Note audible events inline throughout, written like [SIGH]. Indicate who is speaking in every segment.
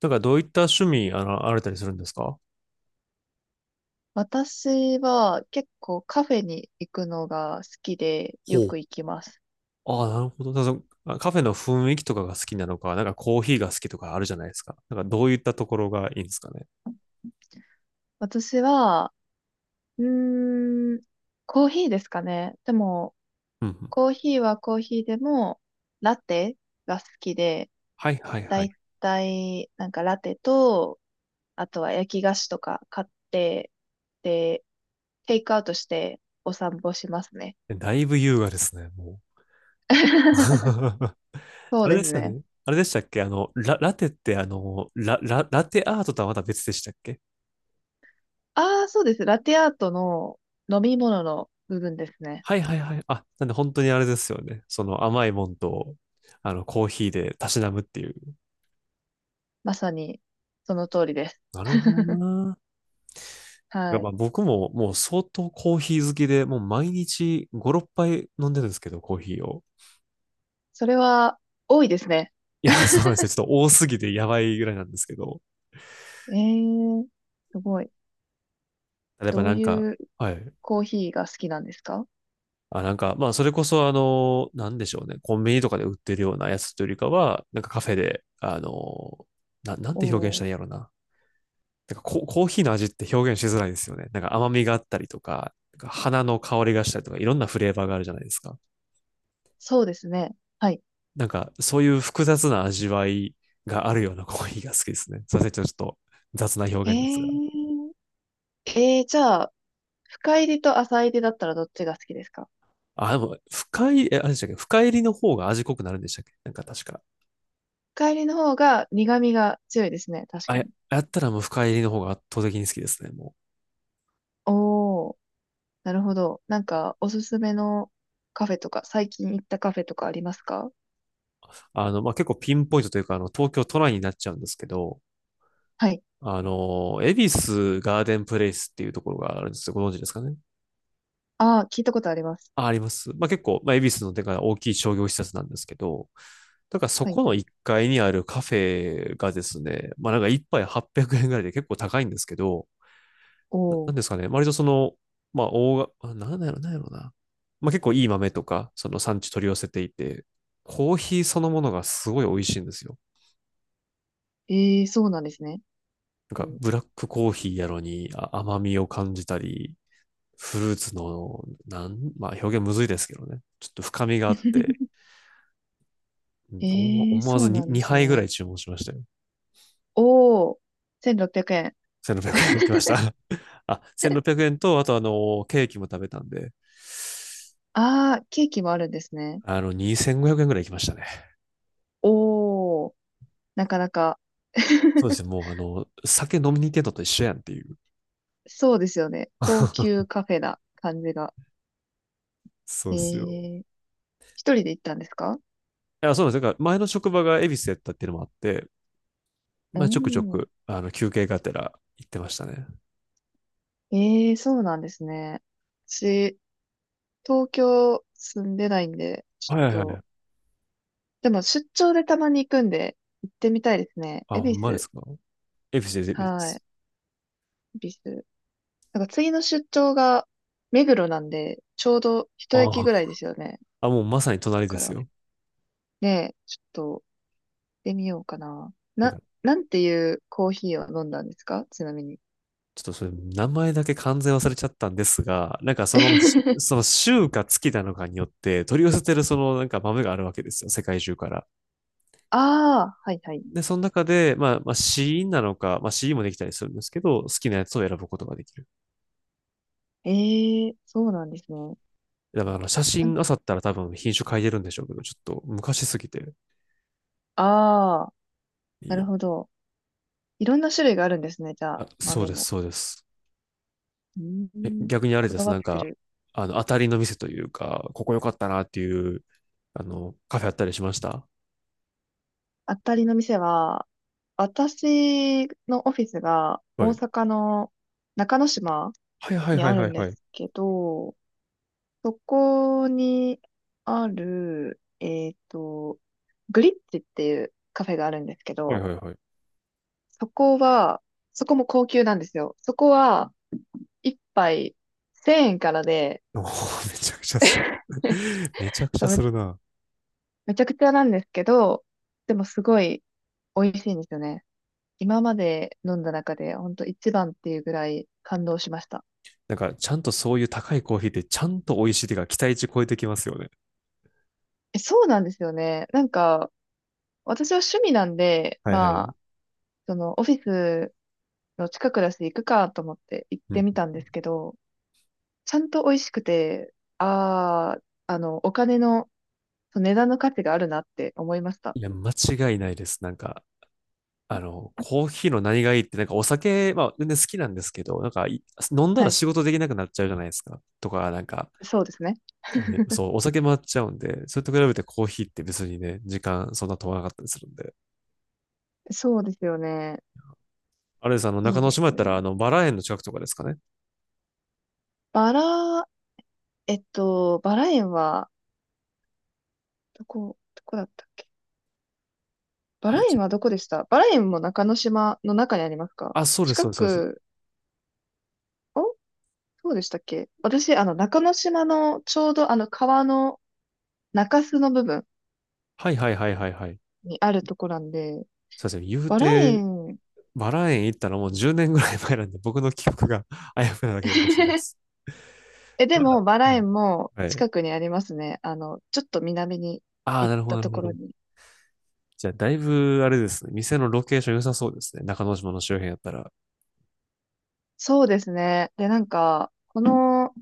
Speaker 1: なんかどういった趣味、あられたりするんですか？
Speaker 2: 私は結構カフェに行くのが好きでよ
Speaker 1: ほう。
Speaker 2: く行きます。
Speaker 1: ああ、なるほど。だからそのカフェの雰囲気とかが好きなのか、なんかコーヒーが好きとかあるじゃないですか。なんかどういったところがいいんですかね。
Speaker 2: 私は、うーん、コーヒーですかね。でも、
Speaker 1: うんうん。
Speaker 2: コーヒーはコーヒーでも、ラテが好きで、
Speaker 1: はいはい
Speaker 2: だ
Speaker 1: は
Speaker 2: い
Speaker 1: い。
Speaker 2: たい、なんかラテと、あとは焼き菓子とか買って、で、テイクアウトしてお散歩しますね。
Speaker 1: え、だいぶ優雅ですね、もう。[LAUGHS]
Speaker 2: [LAUGHS] そう
Speaker 1: あれ
Speaker 2: で
Speaker 1: で
Speaker 2: す
Speaker 1: すよ
Speaker 2: ね。
Speaker 1: ね。あれでしたっけラテってラテアートとはまた別でしたっけ？
Speaker 2: ああ、そうです。ラテアートの飲み物の部分ですね。
Speaker 1: はいはいはい。あ、なんで本当にあれですよね。その甘いもんと、あの、コーヒーでたしなむっていう。
Speaker 2: まさにその通りです。
Speaker 1: なるほどな。いや、
Speaker 2: は
Speaker 1: ま
Speaker 2: い。
Speaker 1: あ僕ももう相当コーヒー好きで、もう毎日5、6杯飲んでるんですけど、コーヒーを。
Speaker 2: それは多いですね。
Speaker 1: いや、そうなんで
Speaker 2: [LAUGHS]
Speaker 1: すよ。ちょっと多すぎてやばいぐらいなんですけど。
Speaker 2: えー、すごい。
Speaker 1: やっぱ
Speaker 2: ど
Speaker 1: な
Speaker 2: う
Speaker 1: んか、
Speaker 2: いう
Speaker 1: はい。
Speaker 2: コーヒーが好きなんですか？
Speaker 1: あ、なんか、まあそれこそあの、なんでしょうね。コンビニとかで売ってるようなやつというよりかは、なんかカフェで、あの、なんて表現し
Speaker 2: お
Speaker 1: た
Speaker 2: ー、
Speaker 1: らいいんやろうな。なんかコーヒーの味って表現しづらいですよね。なんか甘みがあったりとか、なんか花の香りがしたりとか、いろんなフレーバーがあるじゃないですか。
Speaker 2: そうですね。はい。
Speaker 1: なんか、そういう複雑な味わいがあるようなコーヒーが好きですね。すいません、ちょっと雑な
Speaker 2: え
Speaker 1: 表現ですが。
Speaker 2: ー、じゃあ、深入りと浅入りだったらどっちが好きですか？
Speaker 1: あ、でも、深い、え、あれでしたっけ、深入りの方が味濃くなるんでしたっけ、なんか確か。
Speaker 2: 深入りの方が苦味が強いですね。確
Speaker 1: あ、
Speaker 2: か
Speaker 1: や、
Speaker 2: に。
Speaker 1: やったらもう深入りの方が圧倒的に好きですね、もう。
Speaker 2: おー、なるほど。なんか、おすすめのカフェとか、最近行ったカフェとかありますか？
Speaker 1: あの、まあ、結構ピンポイントというか、あの、東京都内になっちゃうんですけど、
Speaker 2: はい。
Speaker 1: あの、恵比寿ガーデンプレイスっていうところがあるんですよ。ご存知ですかね？
Speaker 2: ああ、聞いたことあります。
Speaker 1: あ、あります。まあ、結構、まあ、恵比寿のでか大きい商業施設なんですけど、だからそ
Speaker 2: はい
Speaker 1: こ
Speaker 2: は
Speaker 1: の
Speaker 2: い。
Speaker 1: 1階にあるカフェがですね、まあなんか1杯800円ぐらいで結構高いんですけど、
Speaker 2: お
Speaker 1: な、なん
Speaker 2: お。
Speaker 1: ですかね、割とその、まあ大が、なんだろう、なんやろな。まあ結構いい豆とか、その産地取り寄せていて、コーヒーそのものがすごい美味しいんですよ。
Speaker 2: ええ、そうなんですね。
Speaker 1: な
Speaker 2: う
Speaker 1: んか
Speaker 2: ん、
Speaker 1: ブラックコーヒーやのに、あ、甘みを感じたり、フルーツの、なん、まあ表現むずいですけどね。ちょっと深みがあって、うん、思わ
Speaker 2: ええ、
Speaker 1: 思わ
Speaker 2: そ
Speaker 1: ず
Speaker 2: う
Speaker 1: に
Speaker 2: なんです
Speaker 1: 2杯ぐら
Speaker 2: ね。
Speaker 1: い注文しましたよ。
Speaker 2: おー、1600円。
Speaker 1: 1600円いきまし
Speaker 2: [LAUGHS]
Speaker 1: た。あ、1600円と、あとあの、ケーキも食べたんで、
Speaker 2: ああ、ケーキもあるんですね。
Speaker 1: あの、2500円ぐらい行きましたね。
Speaker 2: おー、なかなか。
Speaker 1: そうです
Speaker 2: [LAUGHS]
Speaker 1: ね、もうあの、酒飲みに行ってんのと一緒やんっていう。
Speaker 2: そうですよね。高級
Speaker 1: [LAUGHS]
Speaker 2: カフェな感じが。
Speaker 1: そ
Speaker 2: え
Speaker 1: うですよ。
Speaker 2: え、一人で行ったんですか？
Speaker 1: いや、そうなんですよ。か、前の職場が恵比寿やったっていうのもあって、
Speaker 2: う
Speaker 1: まあ、ちょくちょ
Speaker 2: ん。
Speaker 1: く、あの、休憩がてら行ってましたね。
Speaker 2: ええ、そうなんですね。私、東京住んでないんで、ち
Speaker 1: はいはいは
Speaker 2: ょっと、
Speaker 1: い。
Speaker 2: でも出張でたまに行くんで、行ってみたいですね。
Speaker 1: あ、
Speaker 2: 恵
Speaker 1: ほ
Speaker 2: 比
Speaker 1: んまで
Speaker 2: 寿。
Speaker 1: すか？恵比寿です、恵比寿で
Speaker 2: はい。
Speaker 1: す。
Speaker 2: 恵比寿。なんか次の出張が目黒なんで、ちょうど一駅
Speaker 1: ああ、
Speaker 2: ぐらいですよね。
Speaker 1: あ、もうまさに
Speaker 2: だ
Speaker 1: 隣で
Speaker 2: か
Speaker 1: す
Speaker 2: ら
Speaker 1: よ。
Speaker 2: ね、ちょっと行ってみようかな。
Speaker 1: なん
Speaker 2: な、
Speaker 1: か、
Speaker 2: なんていうコーヒーを飲んだんですか？ちなみに。
Speaker 1: ちょっとそれ、名前だけ完全忘れちゃったんですが、なんかその、
Speaker 2: [LAUGHS]
Speaker 1: その週か月なのかによって、取り寄せてるそのなんか豆があるわけですよ、世界中から。
Speaker 2: ああ、はいはい。
Speaker 1: で、その中で、まあ、まあ、シーンなのか、まあ、シーンもできたりするんですけど、好きなやつを選ぶことができる。
Speaker 2: ええー、そうなんですね。
Speaker 1: だからあの、写真あさったら多分品種変えてるんでしょうけど、ちょっと昔すぎて。
Speaker 2: ああ、
Speaker 1: い
Speaker 2: な
Speaker 1: い
Speaker 2: る
Speaker 1: え。
Speaker 2: ほど。いろんな種類があるんですね、じゃあ、
Speaker 1: あ、そう
Speaker 2: 豆
Speaker 1: です、
Speaker 2: も。
Speaker 1: そうです。
Speaker 2: う
Speaker 1: え、
Speaker 2: ーん、
Speaker 1: 逆にあれ
Speaker 2: こ
Speaker 1: で
Speaker 2: だ
Speaker 1: す、
Speaker 2: わっ
Speaker 1: なん
Speaker 2: て
Speaker 1: か、
Speaker 2: る。
Speaker 1: あの、当たりの店というか、ここ良かったなっていう、あの、カフェあったりしました？
Speaker 2: あたりの店は、私のオフィスが
Speaker 1: は
Speaker 2: 大
Speaker 1: い。
Speaker 2: 阪の中之島
Speaker 1: はいはい
Speaker 2: に
Speaker 1: は
Speaker 2: あ
Speaker 1: いは
Speaker 2: る
Speaker 1: い
Speaker 2: んで
Speaker 1: はい。
Speaker 2: すけど、そこにある、グリッチっていうカフェがあるんですけ
Speaker 1: はい
Speaker 2: ど、
Speaker 1: はいはい。
Speaker 2: そこは、そこも高級なんですよ。そこは、一杯1000円からで、
Speaker 1: おー、めちゃくちゃする。
Speaker 2: [LAUGHS]
Speaker 1: [LAUGHS] めちゃくち
Speaker 2: そ
Speaker 1: ゃ
Speaker 2: う
Speaker 1: す
Speaker 2: め、
Speaker 1: るな。
Speaker 2: めちゃくちゃなんですけど、でもすごい美味しいんですよね。今まで飲んだ中で、ほんと一番っていうぐらい感動しました。
Speaker 1: なんか、ちゃんとそういう高いコーヒーって、ちゃんと美味しいっていうか、期待値超えてきますよね。
Speaker 2: え、そうなんですよね。なんか、私は趣味なんで、
Speaker 1: はいは
Speaker 2: ま
Speaker 1: い。
Speaker 2: あ、そのオフィスの近くだし行くかと思って行っ
Speaker 1: う
Speaker 2: て
Speaker 1: ん。
Speaker 2: みたんですけど、ちゃんと美味しくて、あお金の、その値段の価値があるなって思いました。
Speaker 1: いや、間違いないです。なんか、あの、コーヒーの何がいいって、なんかお酒、まあ、全然好きなんですけど、なんか、い、飲んだ
Speaker 2: は
Speaker 1: ら
Speaker 2: い。
Speaker 1: 仕事できなくなっちゃうじゃないですか。とか、なんか、
Speaker 2: そうですね。
Speaker 1: あのそう、お酒回っちゃうんで、それと比べてコーヒーって別にね、時間そんな飛ばなかったりするんで。
Speaker 2: そうですよね。
Speaker 1: あれです、あの、中
Speaker 2: いい
Speaker 1: 之
Speaker 2: です
Speaker 1: 島やっ
Speaker 2: ね。
Speaker 1: たら、あの、バラ園の近くとかですかね。
Speaker 2: バラ、バラ園は、どこだったっけ？バ
Speaker 1: あ
Speaker 2: ラ
Speaker 1: れ、ち
Speaker 2: 園はどこでした？バラ園も中之島の中にありますか？
Speaker 1: あ、そうです、
Speaker 2: 近
Speaker 1: そうです、そうです。
Speaker 2: く、お、そうでしたっけ？私、あの、中之島のちょうどあの川の中州の部分
Speaker 1: はいはいはいはいはい。
Speaker 2: にあるとこなんで、
Speaker 1: そうですね。言う
Speaker 2: バラ
Speaker 1: て、
Speaker 2: 園、
Speaker 1: バラ園行ったらもう10年ぐらい前なんで、僕の記憶が [LAUGHS] あやふやなだけかもしれないです。
Speaker 2: [LAUGHS] え、で
Speaker 1: まだ、
Speaker 2: もバラ
Speaker 1: うん、
Speaker 2: 園も
Speaker 1: はい。
Speaker 2: 近くにありますね。あの、ちょっと南に
Speaker 1: ああ、
Speaker 2: 行っ
Speaker 1: なるほ
Speaker 2: た
Speaker 1: ど、なる
Speaker 2: と
Speaker 1: ほ
Speaker 2: ころ
Speaker 1: ど。
Speaker 2: に。
Speaker 1: じゃあ、だいぶ、あれですね。店のロケーション良さそうですね。中之島の周辺やったら。
Speaker 2: そうですね。で、なんか、この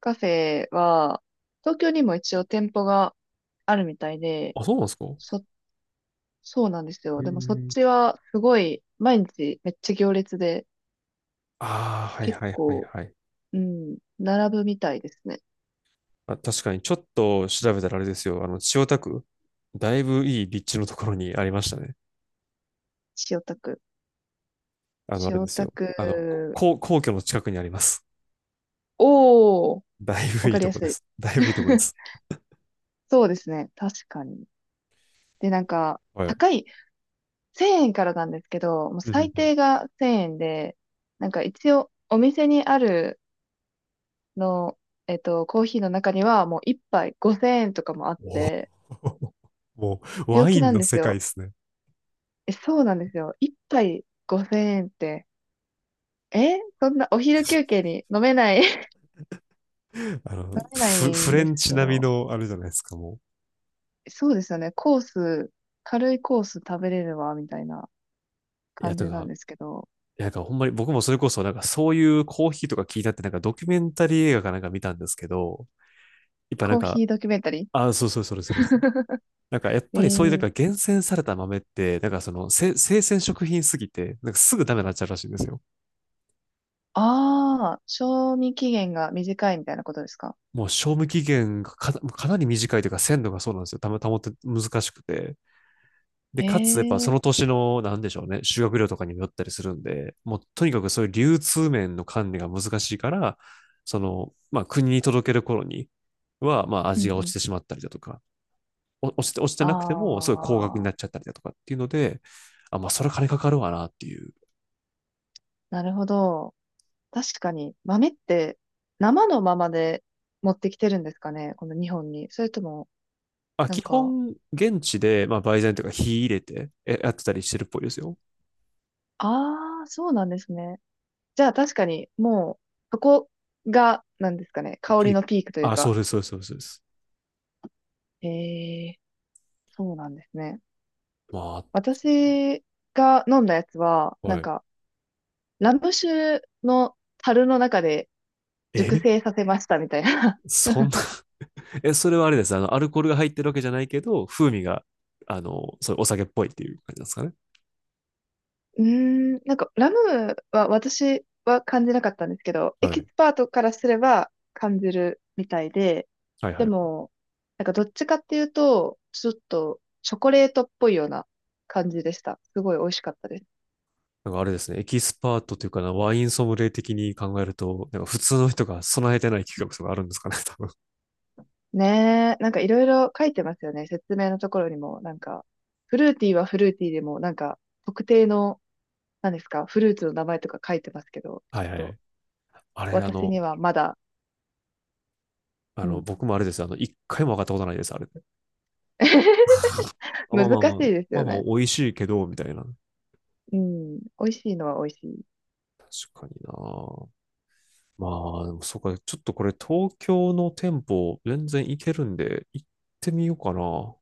Speaker 2: カフェは、東京にも一応店舗があるみたいで、
Speaker 1: あ、そうなんですか？
Speaker 2: そ、そうなんです
Speaker 1: え
Speaker 2: よ。でもそっ
Speaker 1: ー、
Speaker 2: ちはすごい、毎日めっちゃ行列で、
Speaker 1: ああ、はい
Speaker 2: 結
Speaker 1: はいはい
Speaker 2: 構、
Speaker 1: はい。
Speaker 2: うん、並ぶみたいですね。
Speaker 1: あ、確かに、ちょっと調べたらあれですよ。あの、千代田区、だいぶいい立地のところにありましたね。
Speaker 2: 千代田区。
Speaker 1: あの、あ
Speaker 2: 千
Speaker 1: れで
Speaker 2: 代
Speaker 1: す
Speaker 2: 田
Speaker 1: よ。あの、こ
Speaker 2: 区、
Speaker 1: 皇、皇居の近くにあります。
Speaker 2: おー、
Speaker 1: だいぶ
Speaker 2: わ
Speaker 1: い
Speaker 2: か
Speaker 1: い
Speaker 2: り
Speaker 1: と
Speaker 2: や
Speaker 1: こで
Speaker 2: すい。
Speaker 1: す。だいぶいいとこで
Speaker 2: [LAUGHS]
Speaker 1: す。
Speaker 2: そうですね。確かに。で、なんか、
Speaker 1: はい。
Speaker 2: 高い、1000円からなんですけど、もう
Speaker 1: うんうんう
Speaker 2: 最
Speaker 1: ん。
Speaker 2: 低が1000円で、なんか一応、お店にあるの、コーヒーの中には、もう1杯5000円とかもあっ
Speaker 1: おー。
Speaker 2: て、
Speaker 1: [LAUGHS] もう、
Speaker 2: 病
Speaker 1: ワ
Speaker 2: 気
Speaker 1: イン
Speaker 2: なん
Speaker 1: の
Speaker 2: で
Speaker 1: 世
Speaker 2: す
Speaker 1: 界
Speaker 2: よ。
Speaker 1: ですね。
Speaker 2: え、そうなんですよ。1杯5000円って、え、そんなお昼休憩に飲めない。 [LAUGHS]
Speaker 1: あの、
Speaker 2: 飲めな
Speaker 1: フ、
Speaker 2: い
Speaker 1: フ
Speaker 2: ん
Speaker 1: レ
Speaker 2: です
Speaker 1: ンチ
Speaker 2: け
Speaker 1: 並み
Speaker 2: ど、
Speaker 1: の、あれじゃないですか、も、
Speaker 2: そうですよね。コース、軽いコース食べれるわ、みたいな
Speaker 1: いや、
Speaker 2: 感じ
Speaker 1: と
Speaker 2: なん
Speaker 1: か、
Speaker 2: ですけど、
Speaker 1: いや、なんかほんまに僕もそれこそ、なんかそういうコーヒーとか聞いたって、なんかドキュメンタリー映画かなんか見たんですけど、やっぱなん
Speaker 2: コー
Speaker 1: か、
Speaker 2: ヒードキュメンタリ
Speaker 1: あ、そうそう、それ
Speaker 2: ー。
Speaker 1: それそれ。
Speaker 2: [LAUGHS]
Speaker 1: なんかやっ
Speaker 2: え
Speaker 1: ぱりそういうなん
Speaker 2: ー、
Speaker 1: か厳選された豆って、なんかその生鮮食品すぎて、なんかすぐダメになっちゃうらしいんですよ。
Speaker 2: ああ、賞味期限が短いみたいなことですか？
Speaker 1: もう賞味期限がかなり短いというか鮮度が、そうなんですよ。たま、保って難しくて。で、
Speaker 2: へ
Speaker 1: かつ、やっぱそ
Speaker 2: え、
Speaker 1: の年の、なんでしょうね、修学料とかにもよったりするんで、もうとにかくそういう流通面の管理が難しいから、その、まあ国に届ける頃には、まあ
Speaker 2: う
Speaker 1: 味
Speaker 2: ん
Speaker 1: が
Speaker 2: う
Speaker 1: 落ち
Speaker 2: ん。
Speaker 1: てしまったりだとか、お落ちて、落ちてなくても、すごい高額にな
Speaker 2: あ
Speaker 1: っ
Speaker 2: あ、
Speaker 1: ちゃったりだとかっていうので、あ、まあそれ金かかるわなっていう。
Speaker 2: なるほど。確かに、豆って生のままで持ってきてるんですかね、この日本に。それとも、
Speaker 1: あ、
Speaker 2: な
Speaker 1: 基
Speaker 2: んか、
Speaker 1: 本、現地で、まあ売材とか火入れてえやってたりしてるっぽいですよ。
Speaker 2: ああ、そうなんですね。じゃあ確かに、もう、そこが、なんですかね、香
Speaker 1: ピ
Speaker 2: り
Speaker 1: ーク。
Speaker 2: のピークという
Speaker 1: あ、そ
Speaker 2: か。
Speaker 1: うです、そうです、そうです。そうです。
Speaker 2: へえ、そうなんですね。
Speaker 1: ま
Speaker 2: 私が飲んだやつは、
Speaker 1: あ、
Speaker 2: な
Speaker 1: は
Speaker 2: ん
Speaker 1: い。
Speaker 2: か、ラム酒の樽の中で、熟
Speaker 1: え、
Speaker 2: 成させましたみたいな。
Speaker 1: そんな、え、それはあれです。あの、アルコールが入ってるわけじゃないけど、風味が、あの、そういうお酒っぽいっていう感じなんですかね。
Speaker 2: [LAUGHS] うーん、なんかラムは私は感じなかったんですけど、エ
Speaker 1: は
Speaker 2: キ
Speaker 1: い。
Speaker 2: スパートからすれば感じるみたいで、
Speaker 1: はいは
Speaker 2: で
Speaker 1: い。
Speaker 2: も、なんかどっちかっていうと、ちょっとチョコレートっぽいような感じでした。すごい美味しかったです。
Speaker 1: なんかあれですね。エキスパートというかな、ワインソムリエ的に考えると、なんか普通の人が備えてない企画とかあるんですかね、多分。[LAUGHS]
Speaker 2: ねえ、なんかいろいろ書いてますよね。説明のところにも、なんか、フルーティーはフルーティーでも、なんか、特定の、何ですか、フルーツの名前とか書いてますけど、ち
Speaker 1: はいはい
Speaker 2: ょ
Speaker 1: は
Speaker 2: っと、
Speaker 1: い。あれ、あ
Speaker 2: 私に
Speaker 1: の、
Speaker 2: はまだ、
Speaker 1: あ
Speaker 2: う
Speaker 1: の、
Speaker 2: ん、
Speaker 1: 僕もあれです。あの、一回も上がったことないです、あれで。あ、ま
Speaker 2: 難
Speaker 1: あまあま
Speaker 2: し
Speaker 1: あ、
Speaker 2: いです
Speaker 1: まあ
Speaker 2: よ
Speaker 1: まあ、
Speaker 2: ね。
Speaker 1: 美味しいけど、みたいな。
Speaker 2: うん、美味しいのは美味しい。
Speaker 1: 確かにな。まあ、でもそうか、ちょっとこれ東京の店舗全然行けるんで、行ってみようかな。